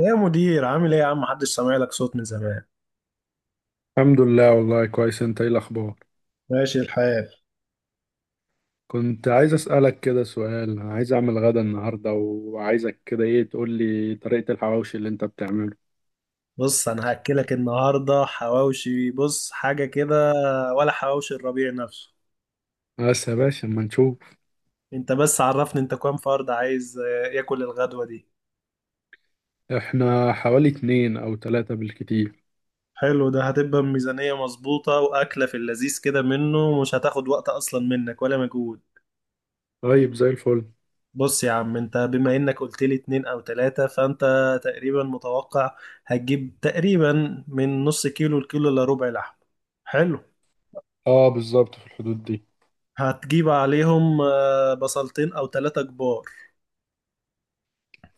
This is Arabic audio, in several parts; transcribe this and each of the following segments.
يا مدير عامل ايه يا عم؟ محدش سامع لك صوت من زمان. الحمد لله، والله كويس. انت ايه الاخبار؟ ماشي الحال. كنت عايز اسالك كده سؤال. عايز اعمل غدا النهارده، وعايزك كده ايه تقول لي طريقه الحواوشي اللي انت بتعمله. بص انا هاكلك النهارده حواوشي، بص حاجه كده. ولا حواوشي الربيع نفسه. بس يا باشا، اما نشوف. انت بس عرفني انت كام فرد عايز ياكل الغدوه دي. احنا حوالي اتنين او تلاتة بالكتير. حلو، ده هتبقى ميزانيه مظبوطه واكله في اللذيذ كده، منه مش هتاخد وقت اصلا منك ولا مجهود. طيب، زي الفل. بص يا عم، انت بما انك قلت لي اتنين او تلاتة فانت تقريبا متوقع هتجيب تقريبا من نص كيلو لكيلو الا ربع لحم. حلو. اه، بالظبط في الحدود دي. هتجيب عليهم بصلتين او ثلاثة كبار.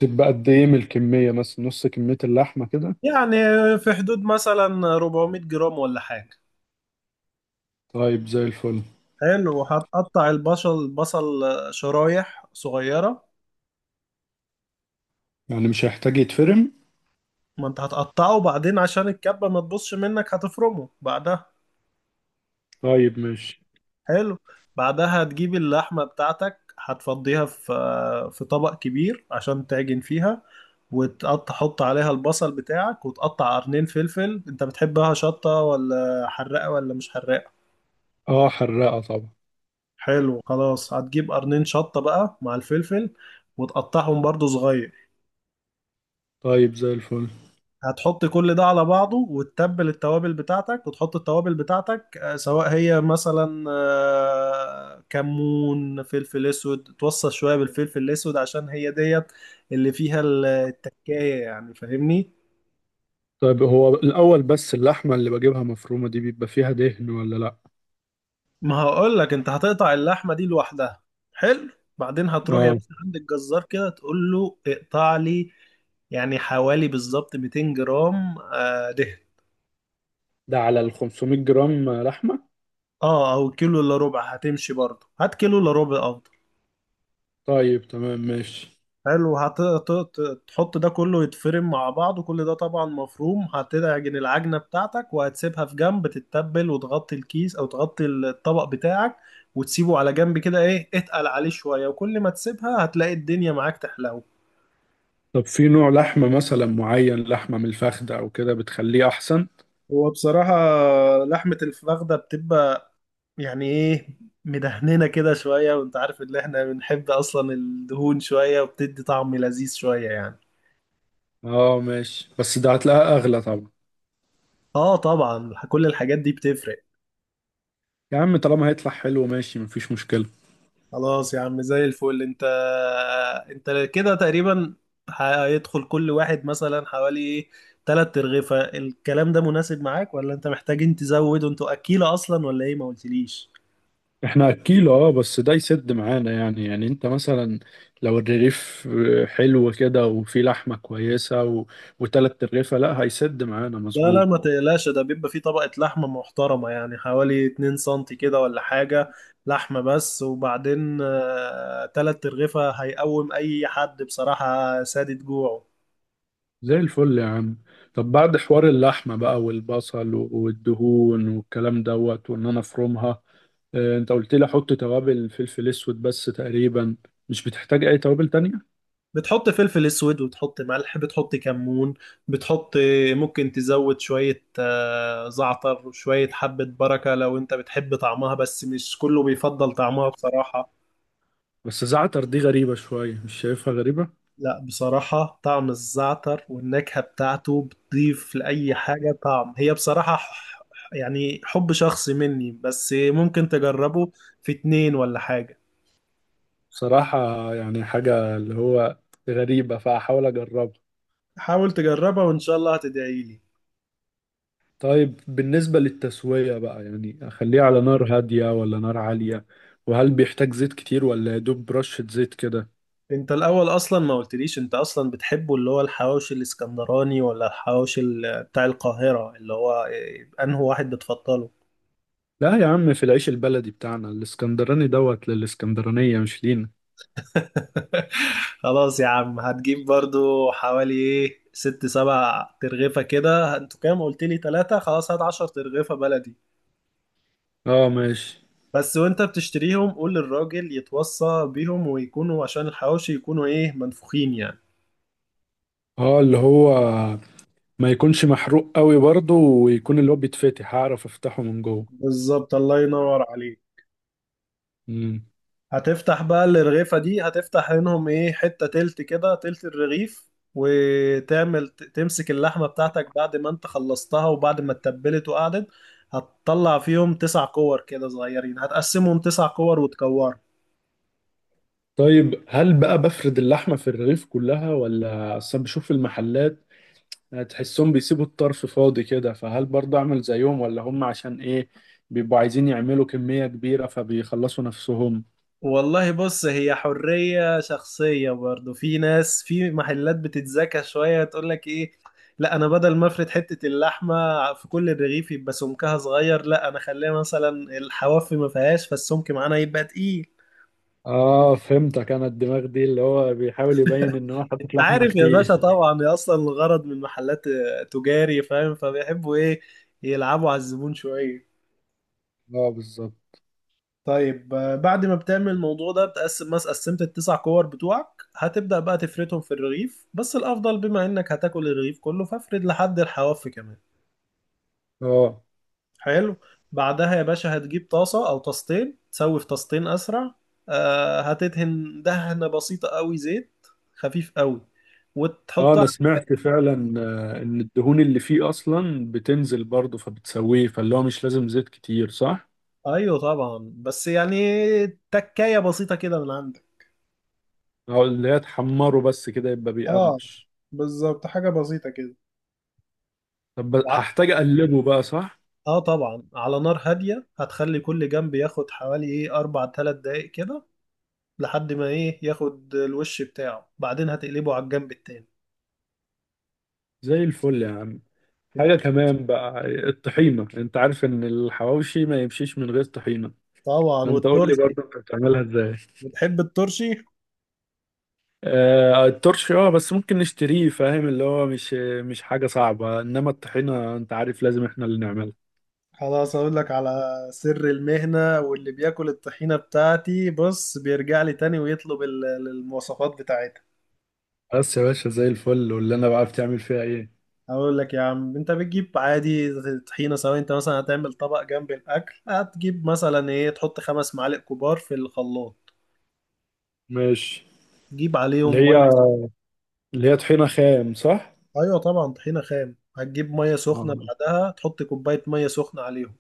تبقى قد ايه من الكميه؟ مثلا نص كميه اللحمه كده؟ يعني في حدود مثلا 400 جرام ولا حاجة. طيب، زي الفل. حلو، وهتقطع البصل شرايح صغيرة. يعني مش هيحتاج يتفرم؟ ما انت هتقطعه، وبعدين عشان الكبة ما تبصش منك هتفرمه بعدها. طيب ماشي. حلو. بعدها هتجيب اللحمة بتاعتك، هتفضيها آه، في طبق كبير عشان تعجن فيها، وتقطع، حط عليها البصل بتاعك وتقطع قرنين فلفل. انت بتحبها شطة ولا حراقة ولا مش حراقة؟ اه، حرقه طبعا. حلو، خلاص هتجيب قرنين شطة بقى مع الفلفل وتقطعهم برضو صغير. طيب، زي الفل. هتحط كل ده على بعضه وتتبل التوابل بتاعتك، وتحط التوابل بتاعتك، سواء هي مثلا كمون، فلفل اسود، توصل شوية بالفلفل الاسود عشان هي ديت اللي فيها التكاية، يعني فاهمني. طيب، هو الأول بس اللحمة اللي بجيبها مفرومة دي بيبقى فيها دهن ولا لأ؟ ما هقول لك، انت هتقطع اللحمة دي لوحدها. حلو. بعدين هتروح يا اه، باشا عند الجزار كده تقول له اقطع لي يعني حوالي بالظبط 200 جرام دهن. ده على ال 500 جرام لحمة؟ اه، او كيلو الا ربع هتمشي برضه، هات كيلو الا ربع افضل. طيب تمام ماشي. حلو، هتحط ده كله يتفرم مع بعض، وكل ده طبعا مفروم. هتعجن العجنة بتاعتك وهتسيبها في جنب تتبل، وتغطي الكيس او تغطي الطبق بتاعك وتسيبه على جنب كده، ايه، اتقل عليه شوية، وكل ما تسيبها هتلاقي الدنيا معاك تحلو. طب في نوع لحمة مثلا معين، لحمة من الفخدة أو كده بتخليه أحسن؟ هو بصراحة لحمة الفخدة بتبقى يعني ايه، مدهننا كده شوية، وانت عارف ان احنا بنحب اصلا الدهون شوية، وبتدي طعم لذيذ شوية يعني. اه ماشي، بس ده هتلاقيها أغلى طبعا. اه طبعا، كل الحاجات دي بتفرق. يا عم، طالما هيطلع حلو ماشي، مفيش مشكلة. خلاص يا عم زي الفل. انت انت كده تقريبا هيدخل كل واحد مثلا حوالي ايه، تلات ترغيفة. الكلام ده مناسب معاك ولا انت محتاجين تزود وانتوا اكيلة اصلا ولا ايه؟ ما قلتليش. احنا أكيل. اه، بس ده يسد معانا. يعني انت مثلا، لو الرغيف حلو كده وفي لحمة كويسة و وتلات رغيفة، لا، هيسد معانا لا، مظبوط. ما تقلقش، ده بيبقى فيه طبقة لحمة محترمة، يعني حوالي 2 سنتي كده ولا حاجة، لحمة بس. وبعدين تلات ترغيفة هيقوم أي حد بصراحة سادد جوعه. زي الفل يا عم. طب بعد حوار اللحمة بقى والبصل والدهون والكلام دوت، وان انا افرمها. انت قلت لي احط توابل فلفل اسود بس تقريبا. مش بتحتاج اي توابل تانية. بتحط فلفل أسود، وتحط ملح، بتحط كمون، بتحط، ممكن تزود شوية زعتر وشوية حبة بركة لو أنت بتحب طعمها، بس مش كله بيفضل طعمها بصراحة. بس زعتر دي غريبة شوية، مش شايفها غريبة؟ لا بصراحة، طعم الزعتر والنكهة بتاعته بتضيف لأي حاجة طعم، هي بصراحة يعني حب شخصي مني، بس ممكن تجربه في اتنين ولا حاجة. بصراحة، يعني حاجة اللي هو غريبة، فاحاول اجربها. حاول تجربها وإن شاء الله هتدعيلي. طيب بالنسبة للتسوية بقى، يعني اخليها على نار هادية ولا نار عالية؟ وهل بيحتاج زيت كتير ولا يا دوب رشة زيت كده؟ انت الأول أصلا ما قلتليش، انت أصلا بتحبه اللي هو الحواوشي الإسكندراني ولا الحواوشي بتاع القاهرة؟ اللي هو إيه، أنهي واحد بتفضله؟ لا يا عم، في العيش البلدي بتاعنا. الاسكندراني دوت للاسكندرانية، مش لينا. خلاص يا عم هتجيب برضو حوالي ايه ست سبع ترغيفة كده. انتوا كام قلت لي؟ تلاتة، خلاص هات عشر ترغيفة بلدي اه ماشي. بس. وانت بتشتريهم قول للراجل يتوصى بيهم ويكونوا عشان الحواوشي يكونوا ايه، منفوخين يعني. اه، اللي هو ما يكونش محروق قوي برضه، ويكون اللي هو بيتفتح، هعرف افتحه من جوه. بالظبط، الله ينور عليك. مم. هتفتح بقى الرغيفة دي، هتفتح منهم ايه، حتة تلت كده، تلت الرغيف. وتعمل تمسك اللحمة بتاعتك بعد ما انت خلصتها وبعد ما اتبلت وقعدت. هتطلع فيهم تسع كور كده صغيرين، هتقسمهم تسع كور وتكورهم. طيب هل بقى بفرد اللحمة في الرغيف كلها؟ ولا اصلا بشوف في المحلات، تحسهم بيسيبوا الطرف فاضي كده، فهل برضه اعمل زيهم؟ ولا هم عشان ايه بيبقوا عايزين يعملوا كمية كبيرة فبيخلصوا نفسهم؟ والله بص، هي حرية شخصية، برضو في ناس في محلات بتتذكى شوية تقول لك ايه، لا انا بدل ما افرد حتة اللحمة في كل الرغيف يبقى سمكها صغير، لا انا خليها مثلا الحواف ما فيهاش فالسمك معانا يبقى تقيل. اه فهمتك. انا الدماغ دي اللي هو بيحاول يبين ان هو حاطط لحمة عارف يا كتير باشا طبعا، هي اصلا الغرض من محلات تجاري، فاهم، فبيحبوا ايه، يلعبوا على الزبون شويه. اه بالظبط. طيب بعد ما بتعمل الموضوع ده، بتقسم مثلا قسمت التسع كور بتوعك، هتبدأ بقى تفردهم في الرغيف، بس الافضل بما انك هتاكل الرغيف كله فافرد لحد الحواف كمان. اه، حلو. بعدها يا باشا هتجيب طاسه او طاستين، تسوي في طاستين اسرع. هتدهن دهنه بسيطه قوي، زيت خفيف قوي، اه وتحط. انا سمعت فعلا ان الدهون اللي فيه اصلا بتنزل برضه فبتسويه، فاللي هو مش لازم زيت كتير، صح؟ ايوه طبعا، بس يعني تكاية بسيطة كده من عندك. اه، اللي هي تحمره بس كده يبقى اه بيقرمش. بالظبط، حاجة بسيطة كده. طب وع- هحتاج اقلبه بقى، صح؟ اه طبعا، على نار هادية، هتخلي كل جنب ياخد حوالي ايه، اربع تلات دقايق كده، لحد ما ايه، ياخد الوش بتاعه، بعدين هتقلبه على الجنب التاني. زي الفل يا عم. حاجة كمان بقى، الطحينة. انت عارف ان الحواوشي ما يمشيش من غير طحينة. طبعا، فانت قول لي والترشي. برضه انت بتعملها ازاي. بتحب الترشي؟ آه الترش اه، بس ممكن نشتريه، فاهم؟ اللي هو مش مش حاجة صعبة. انما الطحينة، انت عارف لازم احنا اللي نعملها. خلاص اقول لك على سر المهنة، واللي بياكل الطحينة بتاعتي بص بيرجع لي تاني ويطلب المواصفات بتاعتها. بس يا باشا، زي الفل. واللي انا بقى بتعمل فيها ايه؟ اقول لك يا عم، انت بتجيب عادي طحينه، سواء انت مثلا هتعمل طبق جنب الاكل، هتجيب مثلا ايه، تحط خمس معالق كبار في الخلاط، ماشي. تجيب اللي عليهم ميه. هي اللي هي طحينة خام، صح؟ ايوه طبعا طحينه خام، هتجيب ميه سخنه، آه. بعدها تحط كوبايه ميه سخنه عليهم.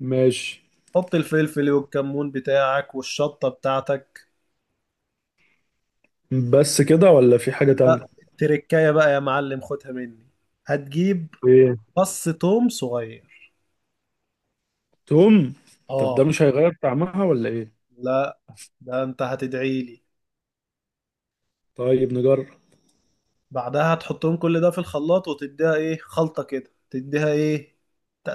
ماشي. حط الفلفل والكمون بتاعك والشطه بتاعتك. بس كده ولا في حاجة تانية؟ لا التركايه بقى يا معلم، خدها مني، هتجيب ايه؟ فص توم صغير. توم؟ طب ده اه مش هيغير طعمها ولا ايه؟ لا، ده انت هتدعي لي. طيب نجرب. بعدها تحطهم كل ده في الخلاط وتديها ايه، خلطة كده، تديها ايه،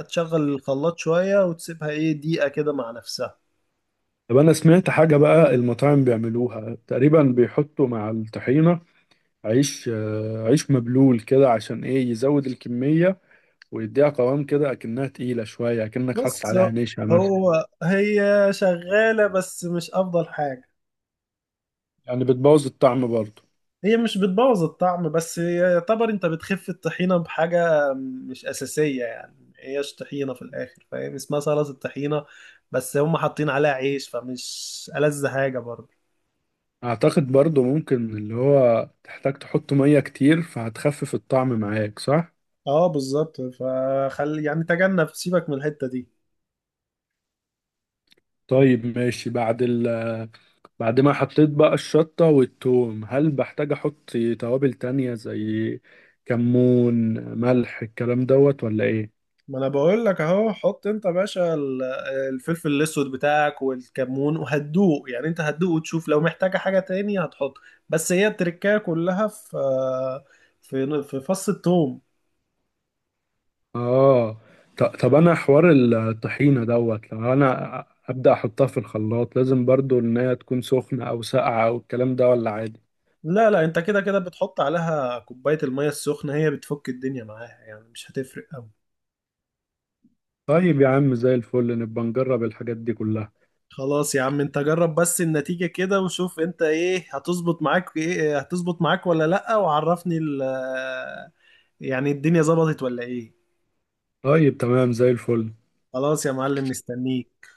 تشغل الخلاط شوية وتسيبها ايه، دقيقة كده مع نفسها. طب انا سمعت حاجة بقى، المطاعم بيعملوها تقريبا، بيحطوا مع الطحينة عيش مبلول كده، عشان ايه، يزود الكمية ويديها قوام كده، اكنها تقيلة شوية، اكنك بص حاطط عليها نشا مثلا. هو هي شغالة، بس مش أفضل حاجة. يعني بتبوظ الطعم برضه؟ هي مش بتبوظ الطعم، بس هي يعتبر انت بتخف الطحينة بحاجة مش أساسية، يعني هيش طحينة في الآخر، فاهم، اسمها سلطة الطحينة، بس هم حاطين عليها عيش فمش ألذ حاجة برضه. اعتقد برضو، ممكن اللي هو تحتاج تحط مية كتير، فهتخفف الطعم معاك، صح؟ اه بالظبط، فخلي يعني تجنب، سيبك من الحتة دي. طيب ماشي. بعد ما حطيت بقى الشطة والثوم، هل بحتاج احط توابل تانية زي كمون، ملح، الكلام دوت، ولا ايه؟ ما انا بقول لك اهو، حط انت يا باشا الفلفل الاسود بتاعك والكمون، وهتدوق يعني، انت هتدوق وتشوف لو محتاجة حاجة تاني هتحط. بس هي التركية كلها في في فص الثوم. اه. طب انا حوار الطحينة دوت، لو انا ابدأ احطها في الخلاط، لازم برضو ان هي تكون سخنة او ساقعة او الكلام ده، ولا عادي؟ لا، انت كده كده بتحط عليها كوباية المية السخنة، هي بتفك الدنيا معاها، يعني مش هتفرق قوي. طيب يا عم، زي الفل، نبقى نجرب الحاجات دي كلها. خلاص يا عم انت جرب بس النتيجة كده وشوف، انت ايه هتظبط معاك ايه هتظبط معاك ولا لأ، وعرفني ال، يعني الدنيا ظبطت ولا ايه. طيب تمام، زي الفل. خلاص يا معلم مستنيك.